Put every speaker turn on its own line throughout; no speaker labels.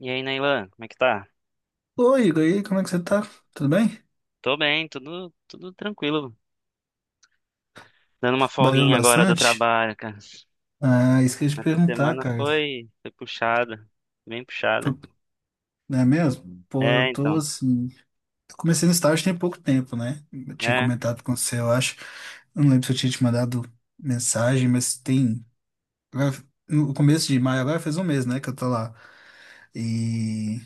E aí, Nailan, como é que tá?
Oi, Igor, e aí, como é que você tá? Tudo bem?
Tô bem, tudo tranquilo. Dando uma
Trabalhando
folguinha agora do
bastante?
trabalho, cara.
Ah, esqueci de
Essa
perguntar,
semana
cara.
foi puxada, bem puxada.
Foi- Não é mesmo? Pô, eu
É,
tô
então,
assim. Eu comecei no estágio tem pouco tempo, né? Eu tinha
é,
comentado com você, eu acho. Eu não lembro se eu tinha te mandado mensagem, mas tem. agora- No começo de maio, agora fez um mês, né, que eu tô lá. E.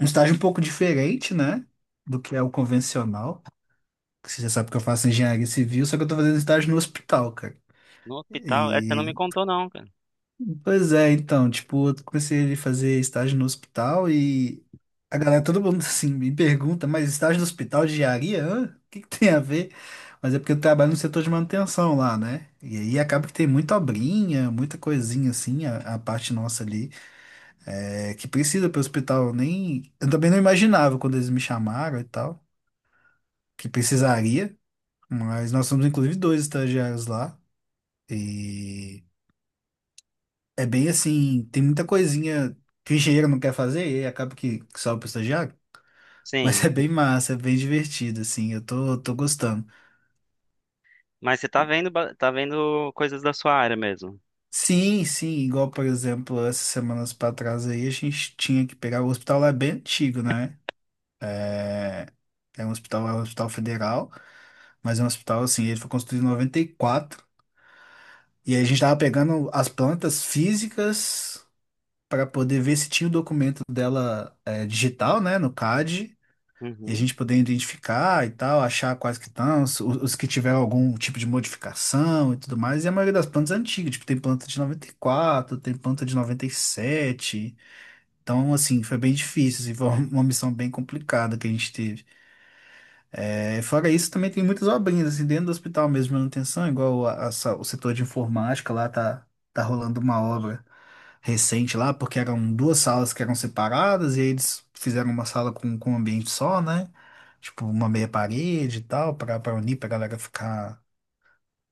Um estágio um pouco diferente, né? Do que é o convencional. Você já sabe que eu faço engenharia civil, só que eu tô fazendo estágio no hospital, cara.
no hospital, você não me
E
contou não, cara.
Pois é, então, tipo, eu comecei a fazer estágio no hospital e a galera, todo mundo assim, me pergunta, mas estágio no hospital de diaria? Hã? O que que tem a ver? Mas é porque eu trabalho no setor de manutenção lá, né? E aí acaba que tem muita obrinha, muita coisinha assim, a parte nossa ali, que precisa para o hospital. Eu Nem, eu também não imaginava quando eles me chamaram e tal, que precisaria, mas nós somos inclusive dois estagiários lá. E É bem assim, tem muita coisinha que o engenheiro não quer fazer e aí acaba que sobra pro estagiário, mas é
Sim,
bem massa, é bem divertido, assim, eu tô gostando.
mas você tá vendo, tá vendo coisas da sua área mesmo.
Sim, sim, igual, por exemplo, essas semanas pra trás aí, a gente tinha que pegar o hospital lá é bem antigo, né? É um hospital federal, mas é um hospital, assim, ele foi construído em 94, e quatro, e aí a gente tava pegando as plantas físicas para poder ver se tinha o documento dela digital, né, no CAD, e a
Uhum.
gente poder identificar e tal, achar quais que estão, os que tiveram algum tipo de modificação e tudo mais. E a maioria das plantas é antiga, tipo, tem planta de 94, tem planta de 97. Então, assim, foi bem difícil, assim, foi uma missão bem complicada que a gente teve. É, fora isso, também tem muitas obrinhas, assim, dentro do hospital mesmo, de manutenção, igual o setor de informática lá tá rolando uma obra recente lá, porque eram duas salas que eram separadas e aí eles fizeram uma sala com um ambiente só, né? Tipo, uma meia parede e tal, para unir, para galera ficar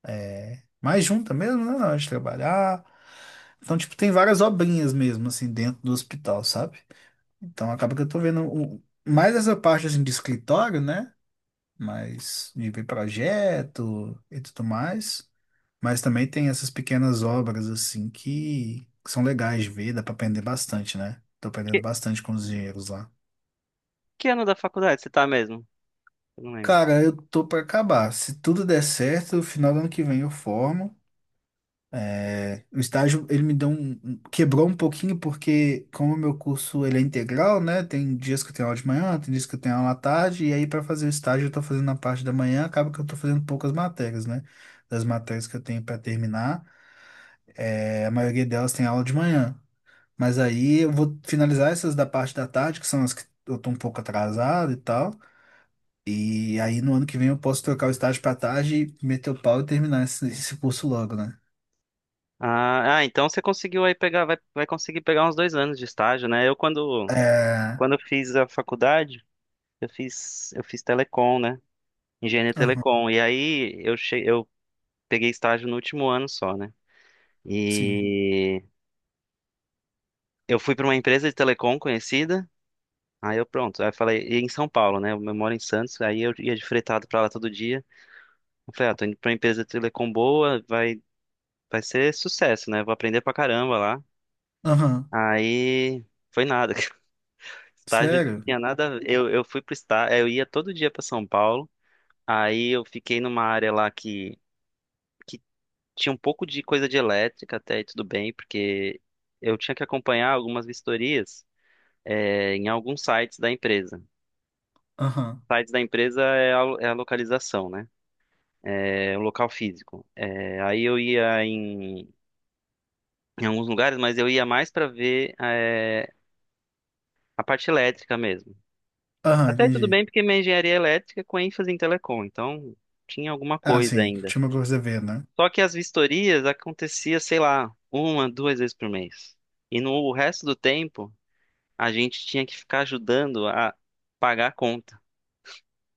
mais junta mesmo, né? Na hora de trabalhar. Então, tipo, tem várias obrinhas mesmo, assim, dentro do hospital, sabe? Então, acaba que eu tô vendo mais essa parte, assim, de escritório, né? Mais de ver projeto e tudo mais. Mas também tem essas pequenas obras assim que são legais de ver, dá pra aprender bastante, né? Tô aprendendo
Que,
bastante com os engenheiros lá.
que ano da faculdade você tá mesmo? Eu não lembro.
Cara, eu tô pra acabar. Se tudo der certo, no final do ano que vem eu formo. O estágio, ele me deu quebrou um pouquinho, porque como o meu curso, ele é integral, né? Tem dias que eu tenho aula de manhã, tem dias que eu tenho aula à tarde, e aí para fazer o estágio eu tô fazendo na parte da manhã, acaba que eu tô fazendo poucas matérias, né? Das matérias que eu tenho para terminar, a maioria delas tem aula de manhã. Mas aí eu vou finalizar essas da parte da tarde, que são as que eu tô um pouco atrasado e tal. E aí no ano que vem eu posso trocar o estágio para tarde, meter o pau e terminar esse, esse curso logo, né?
Ah, então você conseguiu aí pegar, vai conseguir pegar uns 2 anos de estágio, né? Eu, quando,
É.
quando eu fiz a faculdade, eu fiz telecom, né? Engenharia
Aham.
telecom. E aí eu peguei estágio no último ano só, né?
Sim.
E eu fui para uma empresa de telecom conhecida. Aí eu pronto, aí eu falei, e em São Paulo, né? Eu moro em Santos, aí eu ia de fretado para lá todo dia. Eu falei, ah, tô indo pra uma empresa de telecom boa, vai ser sucesso, né? Vou aprender pra caramba lá.
Aham.
Aí foi nada. Estágio não
Sério?
tinha nada a ver. Eu fui pro estágio, eu ia todo dia para São Paulo. Aí eu fiquei numa área lá que tinha um pouco de coisa de elétrica até, e tudo bem, porque eu tinha que acompanhar algumas vistorias, em alguns sites da empresa.
Aham.
Sites da empresa é a, é a localização, né? É o local físico. É, aí eu ia em alguns lugares, mas eu ia mais para ver, a parte elétrica mesmo.
Aham,
Até tudo
entendi.
bem, porque minha engenharia é elétrica, é com ênfase em telecom, então tinha alguma
Ah,
coisa
sim.
ainda.
Tinha uma coisa a ver, né?
Só que as vistorias acontecia, sei lá, uma, 2 vezes por mês. E no resto do tempo, a gente tinha que ficar ajudando a pagar a conta.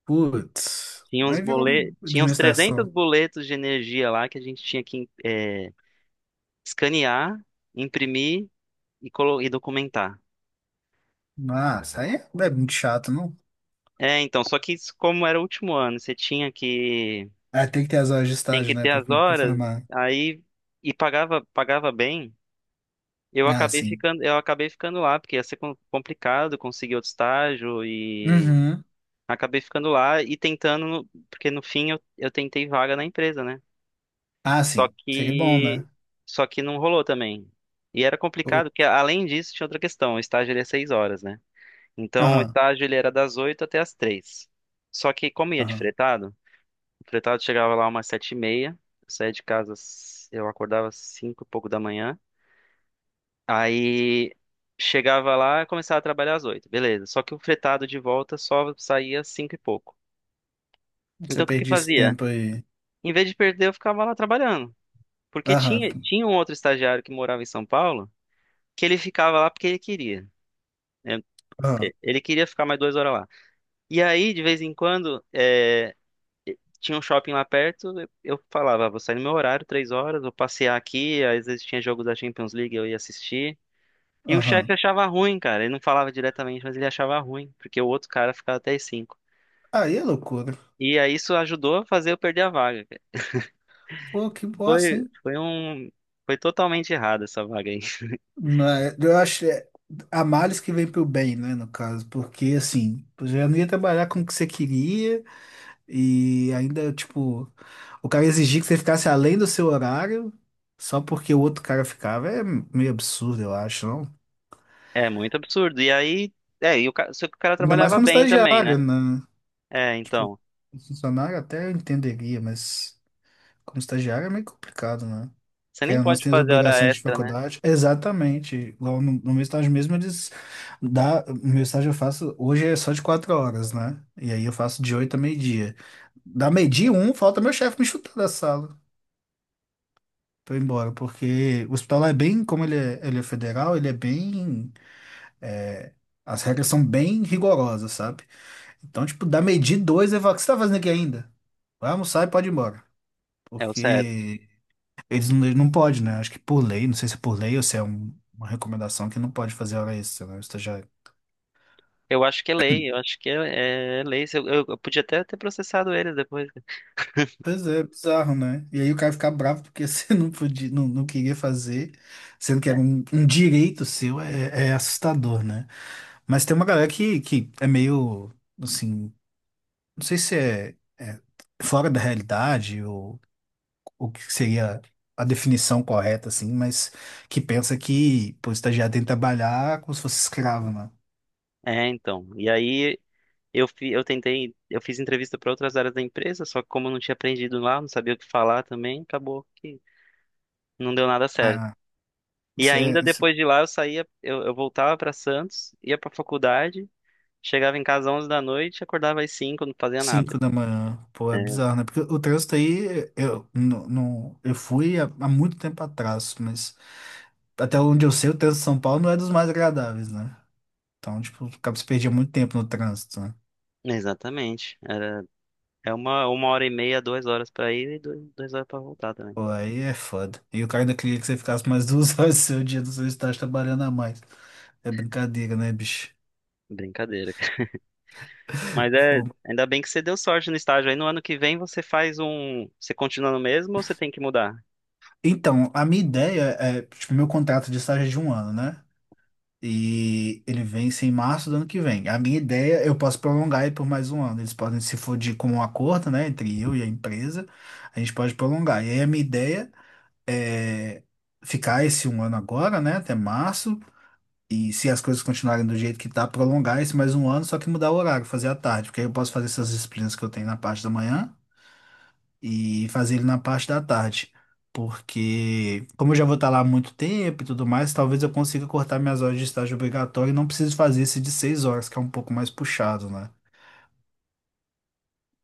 Putz.
Tinha uns
Aí virou
boletos, tinha uns 300
administração.
boletos de energia lá que a gente tinha que escanear, imprimir e documentar.
Ah, isso aí é muito chato, não?
É, então, só que isso, como era o último ano, você tinha que
Ah, tem que ter as horas de
tem
estágio,
que
né?
ter
Pra,
as
pra
horas,
formar.
aí, e pagava bem. Eu
Ah,
acabei
sim.
ficando, eu acabei ficando lá porque ia ser complicado conseguir outro estágio, e
Uhum.
acabei ficando lá e tentando, porque no fim eu tentei vaga na empresa, né?
Ah,
Só
sim. Seria bom,
que
né?
só que não rolou também. E era
Pô.
complicado, porque além disso tinha outra questão: o estágio ele é 6 horas, né? Então o
Aham,
estágio ele era das 8 até as 3. Só que como ia de
aham.
fretado, o fretado chegava lá umas 7h30, eu saía de casa, eu acordava às 5 e pouco da manhã, aí chegava lá e começava a trabalhar às 8, beleza. Só que o fretado de volta só saía às 5 e pouco.
Você
Então o que que eu
perde esse
fazia?
tempo aí.
Em vez de perder, eu ficava lá trabalhando. Porque tinha,
Aham,
tinha um outro estagiário que morava em São Paulo, que ele ficava lá porque ele queria, né?
aham,
É, ele queria ficar mais 2 horas lá. E aí, de vez em quando, tinha um shopping lá perto. Eu falava: "Ah, vou sair no meu horário, 3 horas, vou passear aqui." Às vezes tinha jogo da Champions League, eu ia assistir. E o chefe
aham.
achava ruim, cara. Ele não falava diretamente, mas ele achava ruim, porque o outro cara ficava até as 5.
Aí é loucura.
E aí isso ajudou a fazer eu perder a vaga, cara.
Pô, que bosta,
Foi,
hein?
foi um, foi totalmente errado essa vaga aí.
Mas eu acho há males que vem pro bem, né, no caso, porque assim, tu já não ia trabalhar com o que você queria e ainda, tipo, o cara exigir que você ficasse além do seu horário só porque o outro cara ficava é meio absurdo, eu acho, não?
É muito absurdo. E aí, só que o cara
Ainda mais
trabalhava
como
bem também,
estagiário,
né?
né?
É,
Tipo,
então.
funcionário até eu entenderia, mas. Como estagiário é meio complicado, né?
Você
Porque
nem
nós
pode
temos
fazer hora
obrigações de
extra, né?
faculdade. Exatamente. Igual no, no meu estágio mesmo, meu estágio eu faço, hoje é só de 4 horas, né? E aí eu faço de oito a meio-dia. Da meio-dia um, falta meu chefe me chutar da sala. Tô embora, porque o hospital lá é bem, como ele é federal, ele é bem, é, as regras são bem rigorosas, sabe? Então, tipo, da meio-dia e dois, eu falo, o que você tá fazendo aqui ainda? Vai almoçar e pode ir embora.
É o certo.
Porque eles não, não pode, né? Acho que por lei, não sei se é por lei ou se é uma recomendação que não pode fazer hora extra, né? O estagiário.
Eu acho que é lei, eu acho que é lei. Se eu podia até ter processado eles depois.
Pois é, bizarro, né? E aí o cara ficar bravo porque você não podia, não, não queria fazer, sendo que era um direito seu, é assustador, né? Mas tem uma galera que é meio, assim, não sei se é fora da realidade ou o que seria a definição correta, assim, mas que pensa que, pô, o estagiário tem que trabalhar como se fosse escravo, né?
É, então. E aí eu tentei, eu fiz entrevista para outras áreas da empresa, só que como eu não tinha aprendido lá, não sabia o que falar também, acabou que não deu nada certo. E ainda,
Ah,
depois de lá eu saía, eu voltava para Santos, ia para faculdade, chegava em casa às 11 da noite, acordava às cinco, não fazia nada.
cinco da manhã, pô, é
É,
bizarro, né? Porque o trânsito aí, não, eu fui há muito tempo atrás, mas até onde eu sei, o trânsito de São Paulo não é dos mais agradáveis, né? Então, tipo, acaba se perdia muito tempo no trânsito, né?
exatamente. Era É uma hora e meia, 2 horas pra ir, e 2 horas pra voltar também.
Pô, aí é foda. E o cara ainda queria que você ficasse mais duas horas do seu dia do seu estágio trabalhando a mais. É brincadeira, né, bicho?
Brincadeira, cara. Mas
Pô.
ainda bem que você deu sorte no estágio. Aí no ano que vem você faz um. Você continua no mesmo ou você tem que mudar?
Então, a minha ideia é, tipo, meu contrato de estágio é de um ano, né? E ele vence em março do ano que vem. A minha ideia, eu posso prolongar ele por mais um ano. Eles podem, se for de com um acordo, né, entre eu e a empresa, a gente pode prolongar. E aí a minha ideia é ficar esse um ano agora, né, até março. E se as coisas continuarem do jeito que tá, prolongar esse mais um ano, só que mudar o horário, fazer à tarde, porque aí eu posso fazer essas disciplinas que eu tenho na parte da manhã e fazer ele na parte da tarde. Porque, como eu já vou estar lá há muito tempo e tudo mais, talvez eu consiga cortar minhas horas de estágio obrigatório e não preciso fazer esse de 6 horas, que é um pouco mais puxado, né?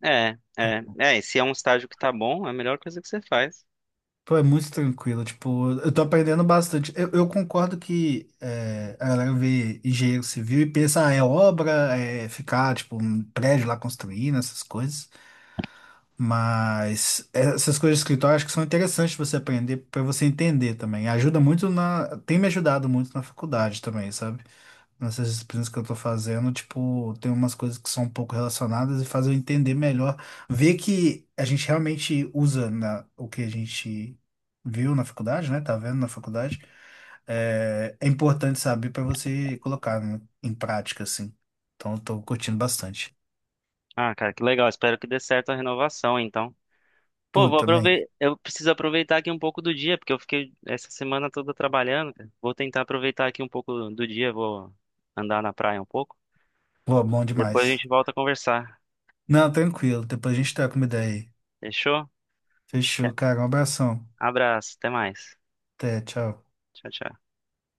É, é. É, e se é um estágio que tá bom, é a melhor coisa que você faz.
Pô, é muito tranquilo, tipo, eu tô aprendendo bastante. Eu concordo que é, a galera vê engenheiro civil e pensa, ah, é obra, é ficar, tipo, um prédio lá construindo, essas coisas. Mas essas coisas de escritório acho que são interessantes você aprender para você entender também. Ajuda muito na. Tem me ajudado muito na faculdade também, sabe? Nessas disciplinas que eu tô fazendo, tipo, tem umas coisas que são um pouco relacionadas e faz eu entender melhor, ver que a gente realmente usa na, o que a gente viu na faculdade, né? Tá vendo na faculdade. É, é importante saber para você colocar né, em prática, assim. Então, eu tô curtindo bastante.
Ah, cara, que legal. Espero que dê certo a renovação, então. Pô,
Pô,
vou
também.
aproveitar. Eu preciso aproveitar aqui um pouco do dia, porque eu fiquei essa semana toda trabalhando, cara. Vou tentar aproveitar aqui um pouco do dia, vou andar na praia um pouco.
Pô, bom
Depois a
demais.
gente volta a conversar.
Não, tranquilo. Depois a gente troca uma ideia aí.
Fechou?
Fechou, cara. Um abração.
Abraço, até mais.
Até, tchau.
Tchau, tchau.